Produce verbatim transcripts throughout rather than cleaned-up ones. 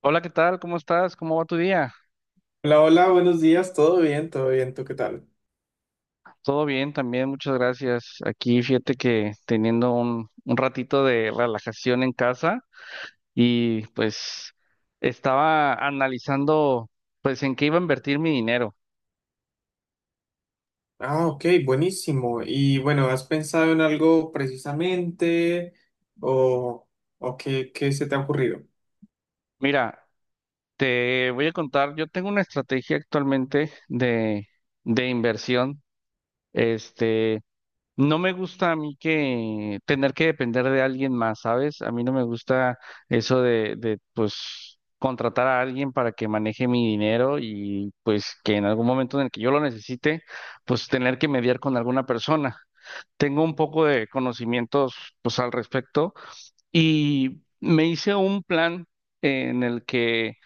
Hola, ¿qué tal? ¿Cómo estás? ¿Cómo va tu día? Hola, hola, buenos días, todo bien, todo bien, ¿tú qué tal? Todo bien también, muchas gracias. Aquí fíjate que teniendo un, un ratito de relajación en casa y pues estaba analizando pues en qué iba a invertir mi dinero. Ah, ok, buenísimo. Y bueno, ¿has pensado en algo precisamente o, o qué, qué se te ha ocurrido? Mira, te voy a contar, yo tengo una estrategia actualmente de, de inversión. Este, No me gusta a mí que tener que depender de alguien más, ¿sabes? A mí no me gusta eso de, de, pues, contratar a alguien para que maneje mi dinero y, pues, que en algún momento en el que yo lo necesite, pues, tener que mediar con alguna persona. Tengo un poco de conocimientos, pues, al respecto y me hice un plan en el que,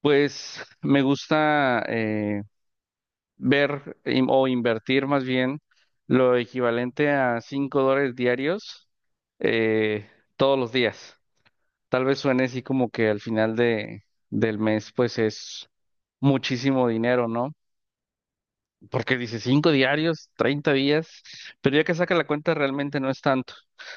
pues, me gusta eh, ver im- o invertir más bien lo equivalente a cinco dólares diarios eh, todos los días. Tal vez suene así como que al final de, del mes pues es muchísimo dinero, ¿no? Porque dice cinco diarios, treinta días, pero ya que saca la cuenta realmente no es tanto.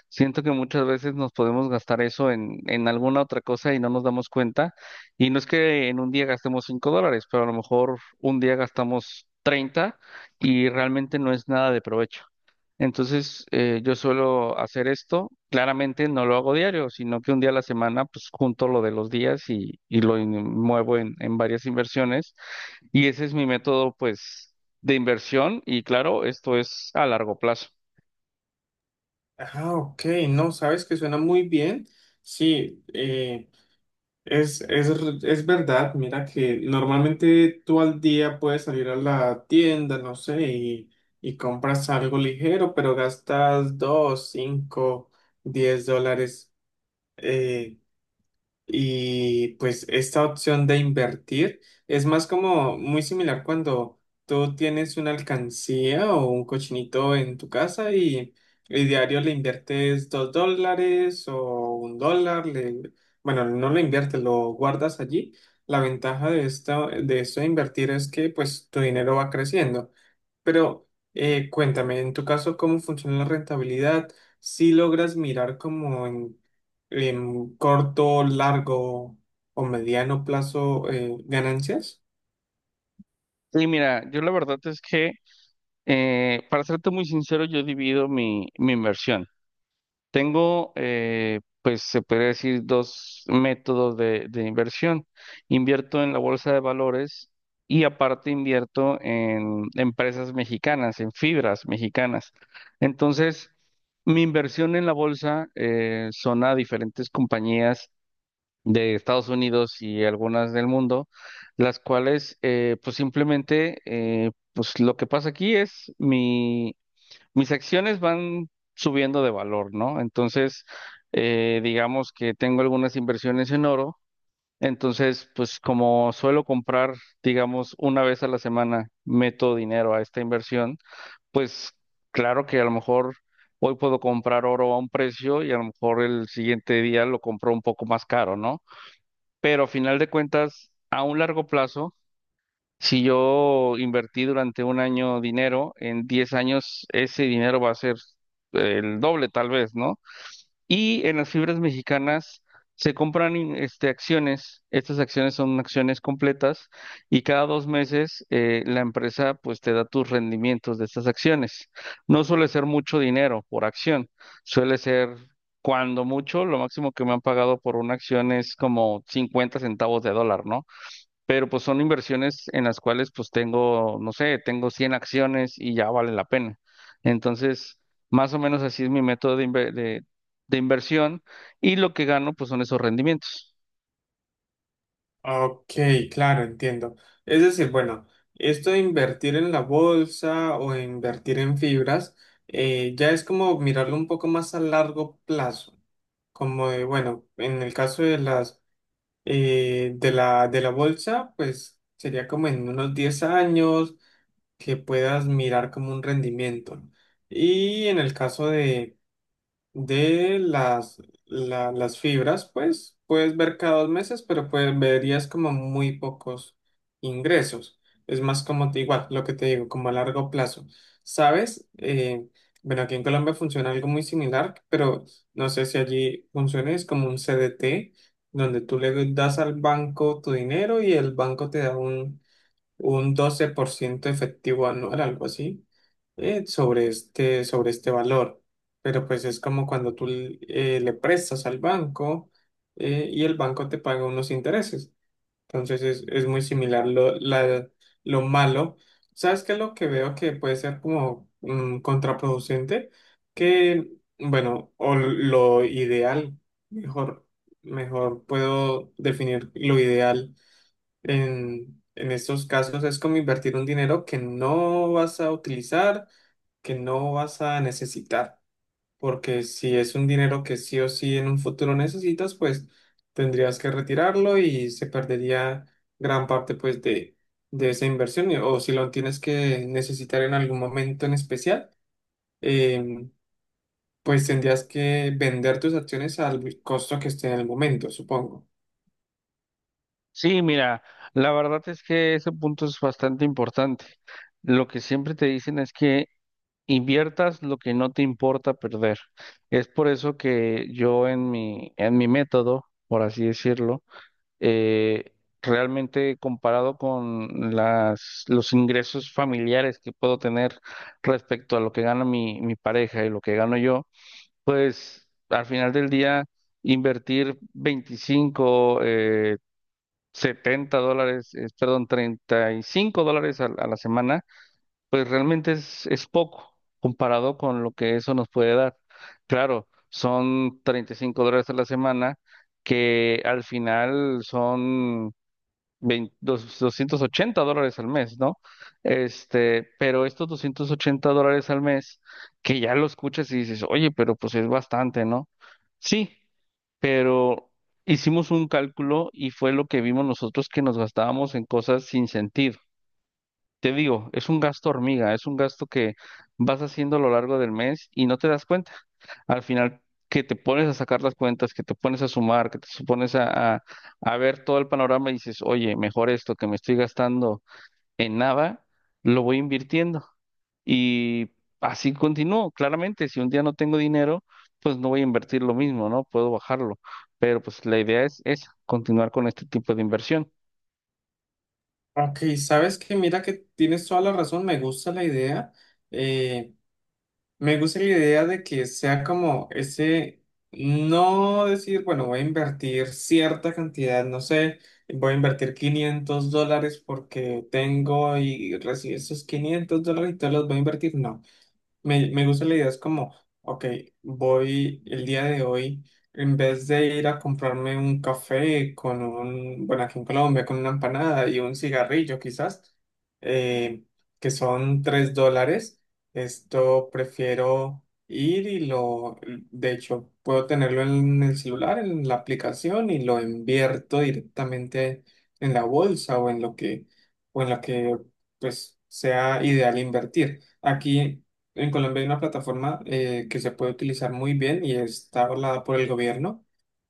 Siento que muchas veces nos podemos gastar eso en, en alguna otra cosa y no nos damos cuenta. Y no es que en un día gastemos cinco dólares, pero a lo mejor un día gastamos treinta y realmente no es nada de provecho. Entonces, eh, yo suelo hacer esto. Claramente no lo hago diario, sino que un día a la semana, pues junto lo de los días y, y lo in- muevo en, en varias inversiones. Y ese es mi método, pues, de inversión. Y claro, esto es a largo plazo. Ah, ok, no, sabes que suena muy bien. Sí, eh, es, es, r- es verdad, mira que normalmente tú al día puedes salir a la tienda, no sé, y, y compras algo ligero, pero gastas dos, cinco, diez dólares. eh, Y pues esta opción de invertir es más como muy similar cuando tú tienes una alcancía o un cochinito en tu casa y, y diario le inviertes dos dólares o un dólar, le- bueno, no lo inviertes, lo guardas allí. La ventaja de esto, de esto de invertir es que pues tu dinero va creciendo. Pero eh, cuéntame, en tu caso, ¿cómo funciona la rentabilidad? Si logras mirar como en, en corto, largo o mediano plazo eh, ¿ganancias? Y mira, yo la verdad es que, eh, para serte muy sincero, yo divido mi, mi inversión. Tengo, eh, pues se podría decir, dos métodos de, de inversión. Invierto en la bolsa de valores y aparte invierto en empresas mexicanas, en fibras mexicanas. Entonces, mi inversión en la bolsa eh, son a diferentes compañías de Estados Unidos y algunas del mundo, las cuales, eh, pues simplemente, eh, pues lo que pasa aquí es mis acciones van subiendo de valor, ¿no? Entonces, eh, digamos que tengo algunas inversiones en oro, entonces, pues como suelo comprar, digamos, una vez a la semana, meto dinero a esta inversión, pues claro que a lo mejor hoy puedo comprar oro a un precio y a lo mejor el siguiente día lo compro un poco más caro, ¿no? Pero a final de cuentas, a un largo plazo, si yo invertí durante un año dinero, en diez años ese dinero va a ser eh, el doble tal vez, ¿no? Y en las fibras mexicanas se compran in- este, acciones, estas acciones son acciones completas y cada dos meses eh, la empresa pues te da tus rendimientos de estas acciones. No suele ser mucho dinero por acción, suele ser cuando mucho, lo máximo que me han pagado por una acción es como cincuenta centavos de dólar, ¿no? Pero pues son inversiones en las cuales pues tengo, no sé, tengo cien acciones y ya vale la pena. Entonces, más o menos así es mi método de, inve- de, de inversión y lo que gano pues son esos rendimientos. Ok, claro, entiendo. Es decir, bueno, esto de invertir en la bolsa o invertir en fibras eh, ya es como mirarlo un poco más a largo plazo. Como de, bueno, en el caso de las eh, de la, de la bolsa, pues sería como en unos diez años que puedas mirar como un rendimiento, ¿no? Y en el caso de, de las, la- las fibras, pues puedes ver cada dos meses, pero pues verías como muy pocos ingresos. Es más como te- igual, lo que te digo, como a largo plazo. ¿Sabes? Eh, bueno, aquí en Colombia funciona algo muy similar, pero no sé si allí funciona, es como un C D T, donde tú le das al banco tu dinero y el banco te da un un doce por ciento efectivo anual, algo así, eh, sobre este, sobre este valor. Pero pues es como cuando tú l- eh, le prestas al banco eh, y el banco te paga unos intereses. Entonces es, es muy similar lo, la- lo malo. ¿Sabes qué es lo que veo que puede ser como mm, contraproducente? Que, bueno, o lo ideal, mejor, mejor puedo definir lo ideal en, en estos casos es como invertir un dinero que no vas a utilizar, que no vas a necesitar, porque si es un dinero que sí o sí en un futuro necesitas, pues tendrías que retirarlo y se perdería gran parte pues de, de esa inversión, y- o si lo tienes que necesitar en algún momento en especial, em, pues tendrías que vender tus acciones al costo que esté en el momento, supongo. Sí, mira, la verdad es que ese punto es bastante importante. Lo que siempre te dicen es que inviertas lo que no te importa perder. Es por eso que yo en mi, en mi método, por así decirlo, eh, realmente comparado con las, los ingresos familiares que puedo tener respecto a lo que gana mi, mi pareja y lo que gano yo, pues al final del día invertir veinticinco, eh, setenta dólares, eh, perdón, treinta y cinco dólares a, a la semana, pues realmente es, es poco comparado con lo que eso nos puede dar. Claro, son treinta y cinco dólares a la semana que al final son vein- dos- doscientos ochenta dólares al mes, ¿no? Este, pero estos doscientos ochenta dólares al mes, que ya lo escuchas y dices, oye, pero pues es bastante, ¿no? Sí, pero hicimos un cálculo y fue lo que vimos nosotros que nos gastábamos en cosas sin sentido. Te digo, es un gasto hormiga, es un gasto que vas haciendo a lo largo del mes y no te das cuenta al final que te pones a sacar las cuentas, que te pones a sumar, que te su- pones a, a, a ver todo el panorama y dices, oye, mejor esto que me estoy gastando en nada, lo voy invirtiendo. Y así continúo, claramente, si un día no tengo dinero, pues no voy a invertir lo mismo, ¿no? Puedo bajarlo, pero pues la idea es esa, continuar con este tipo de inversión. Ok, sabes que mira que tienes toda la razón, me gusta la idea, eh, me gusta la idea de que sea como ese, no decir, bueno, voy a invertir cierta cantidad, no sé, voy a invertir quinientos dólares porque tengo y recibí esos quinientos dólares y todos los voy a invertir, no. Me, me gusta la idea, es como, ok, voy el día de hoy, en vez de ir a comprarme un café con un, bueno, aquí en Colombia, con una empanada y un cigarrillo quizás, eh, que son tres dólares, esto prefiero ir y lo, de hecho, puedo tenerlo en el celular, en la aplicación y lo invierto directamente en la bolsa o en lo que, o en lo que, pues, sea ideal invertir. Aquí en Colombia hay una plataforma eh, que se puede utilizar muy bien y está avalada por el gobierno.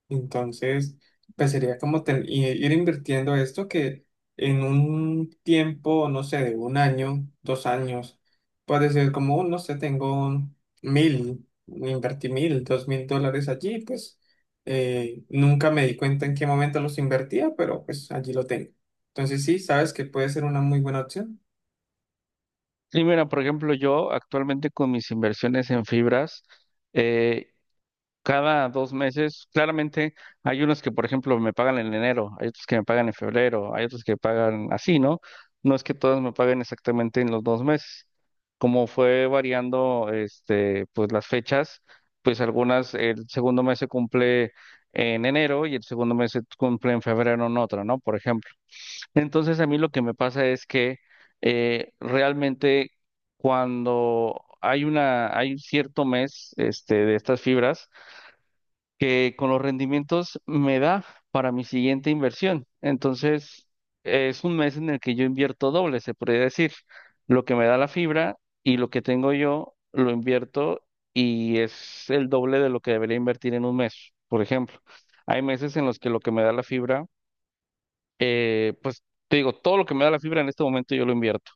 Entonces, pues sería como ten- i- ir invirtiendo esto que en un tiempo, no sé, de un año, dos años, puede ser como, un, no sé, tengo mil, invertí mil, dos mil dólares allí, pues eh, nunca me di cuenta en qué momento los invertía, pero pues allí lo tengo. Entonces, sí, sabes que puede ser una muy buena opción. Y mira, por ejemplo, yo actualmente con mis inversiones en fibras, eh, Cada dos meses, claramente hay unos que, por ejemplo, me pagan en enero, hay otros que me pagan en febrero, hay otros que pagan así, ¿no? No es que todos me paguen exactamente en los dos meses. Como fue variando, este, pues las fechas, pues algunas, el segundo mes se cumple en enero y el segundo mes se cumple en febrero en otro, ¿no? Por ejemplo. Entonces a mí lo que me pasa es que eh, realmente cuando hay una, hay un cierto mes, este, de estas fibras, que con los rendimientos me da para mi siguiente inversión. Entonces, es un mes en el que yo invierto doble, se podría decir. Lo que me da la fibra y lo que tengo yo lo invierto y es el doble de lo que debería invertir en un mes, por ejemplo. Hay meses en los que lo que me da la fibra, eh, pues te digo, todo lo que me da la fibra en este momento yo lo invierto.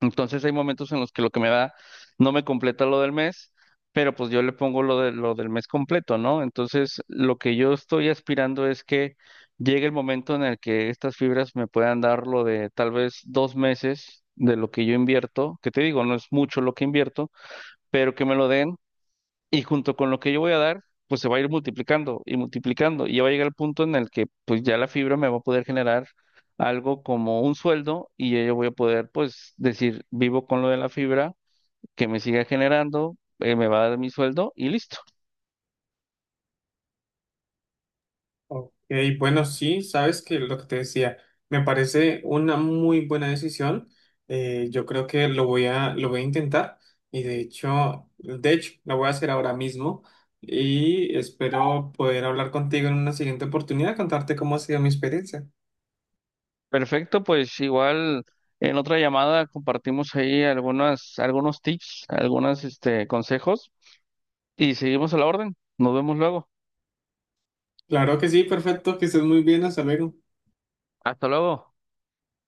Entonces hay momentos en los que lo que me da no me completa lo del mes, pero pues yo le pongo lo de, lo del mes completo, ¿no? Entonces lo que yo estoy aspirando es que llegue el momento en el que estas fibras me puedan dar lo de tal vez dos meses de lo que yo invierto, que te digo, no es mucho lo que invierto, pero que me lo den y junto con lo que yo voy a dar, pues se va a ir multiplicando y multiplicando y ya va a llegar el punto en el que pues ya la fibra me va a poder generar algo como un sueldo y ya yo voy a poder pues decir, vivo con lo de la fibra, que me siga generando, eh, me va a dar mi sueldo y listo. Ok, bueno, sí, sabes que lo que te decía, me parece una muy buena decisión. Eh, yo creo que lo voy a, lo voy a intentar y de hecho, de hecho, lo voy a hacer ahora mismo y espero poder hablar contigo en una siguiente oportunidad, contarte cómo ha sido mi experiencia. Perfecto, pues igual en otra llamada compartimos ahí algunas, algunos tips, algunos este, consejos y seguimos a la orden. Nos vemos luego. Claro que sí, perfecto, que estés muy bien, hasta luego. Hasta luego.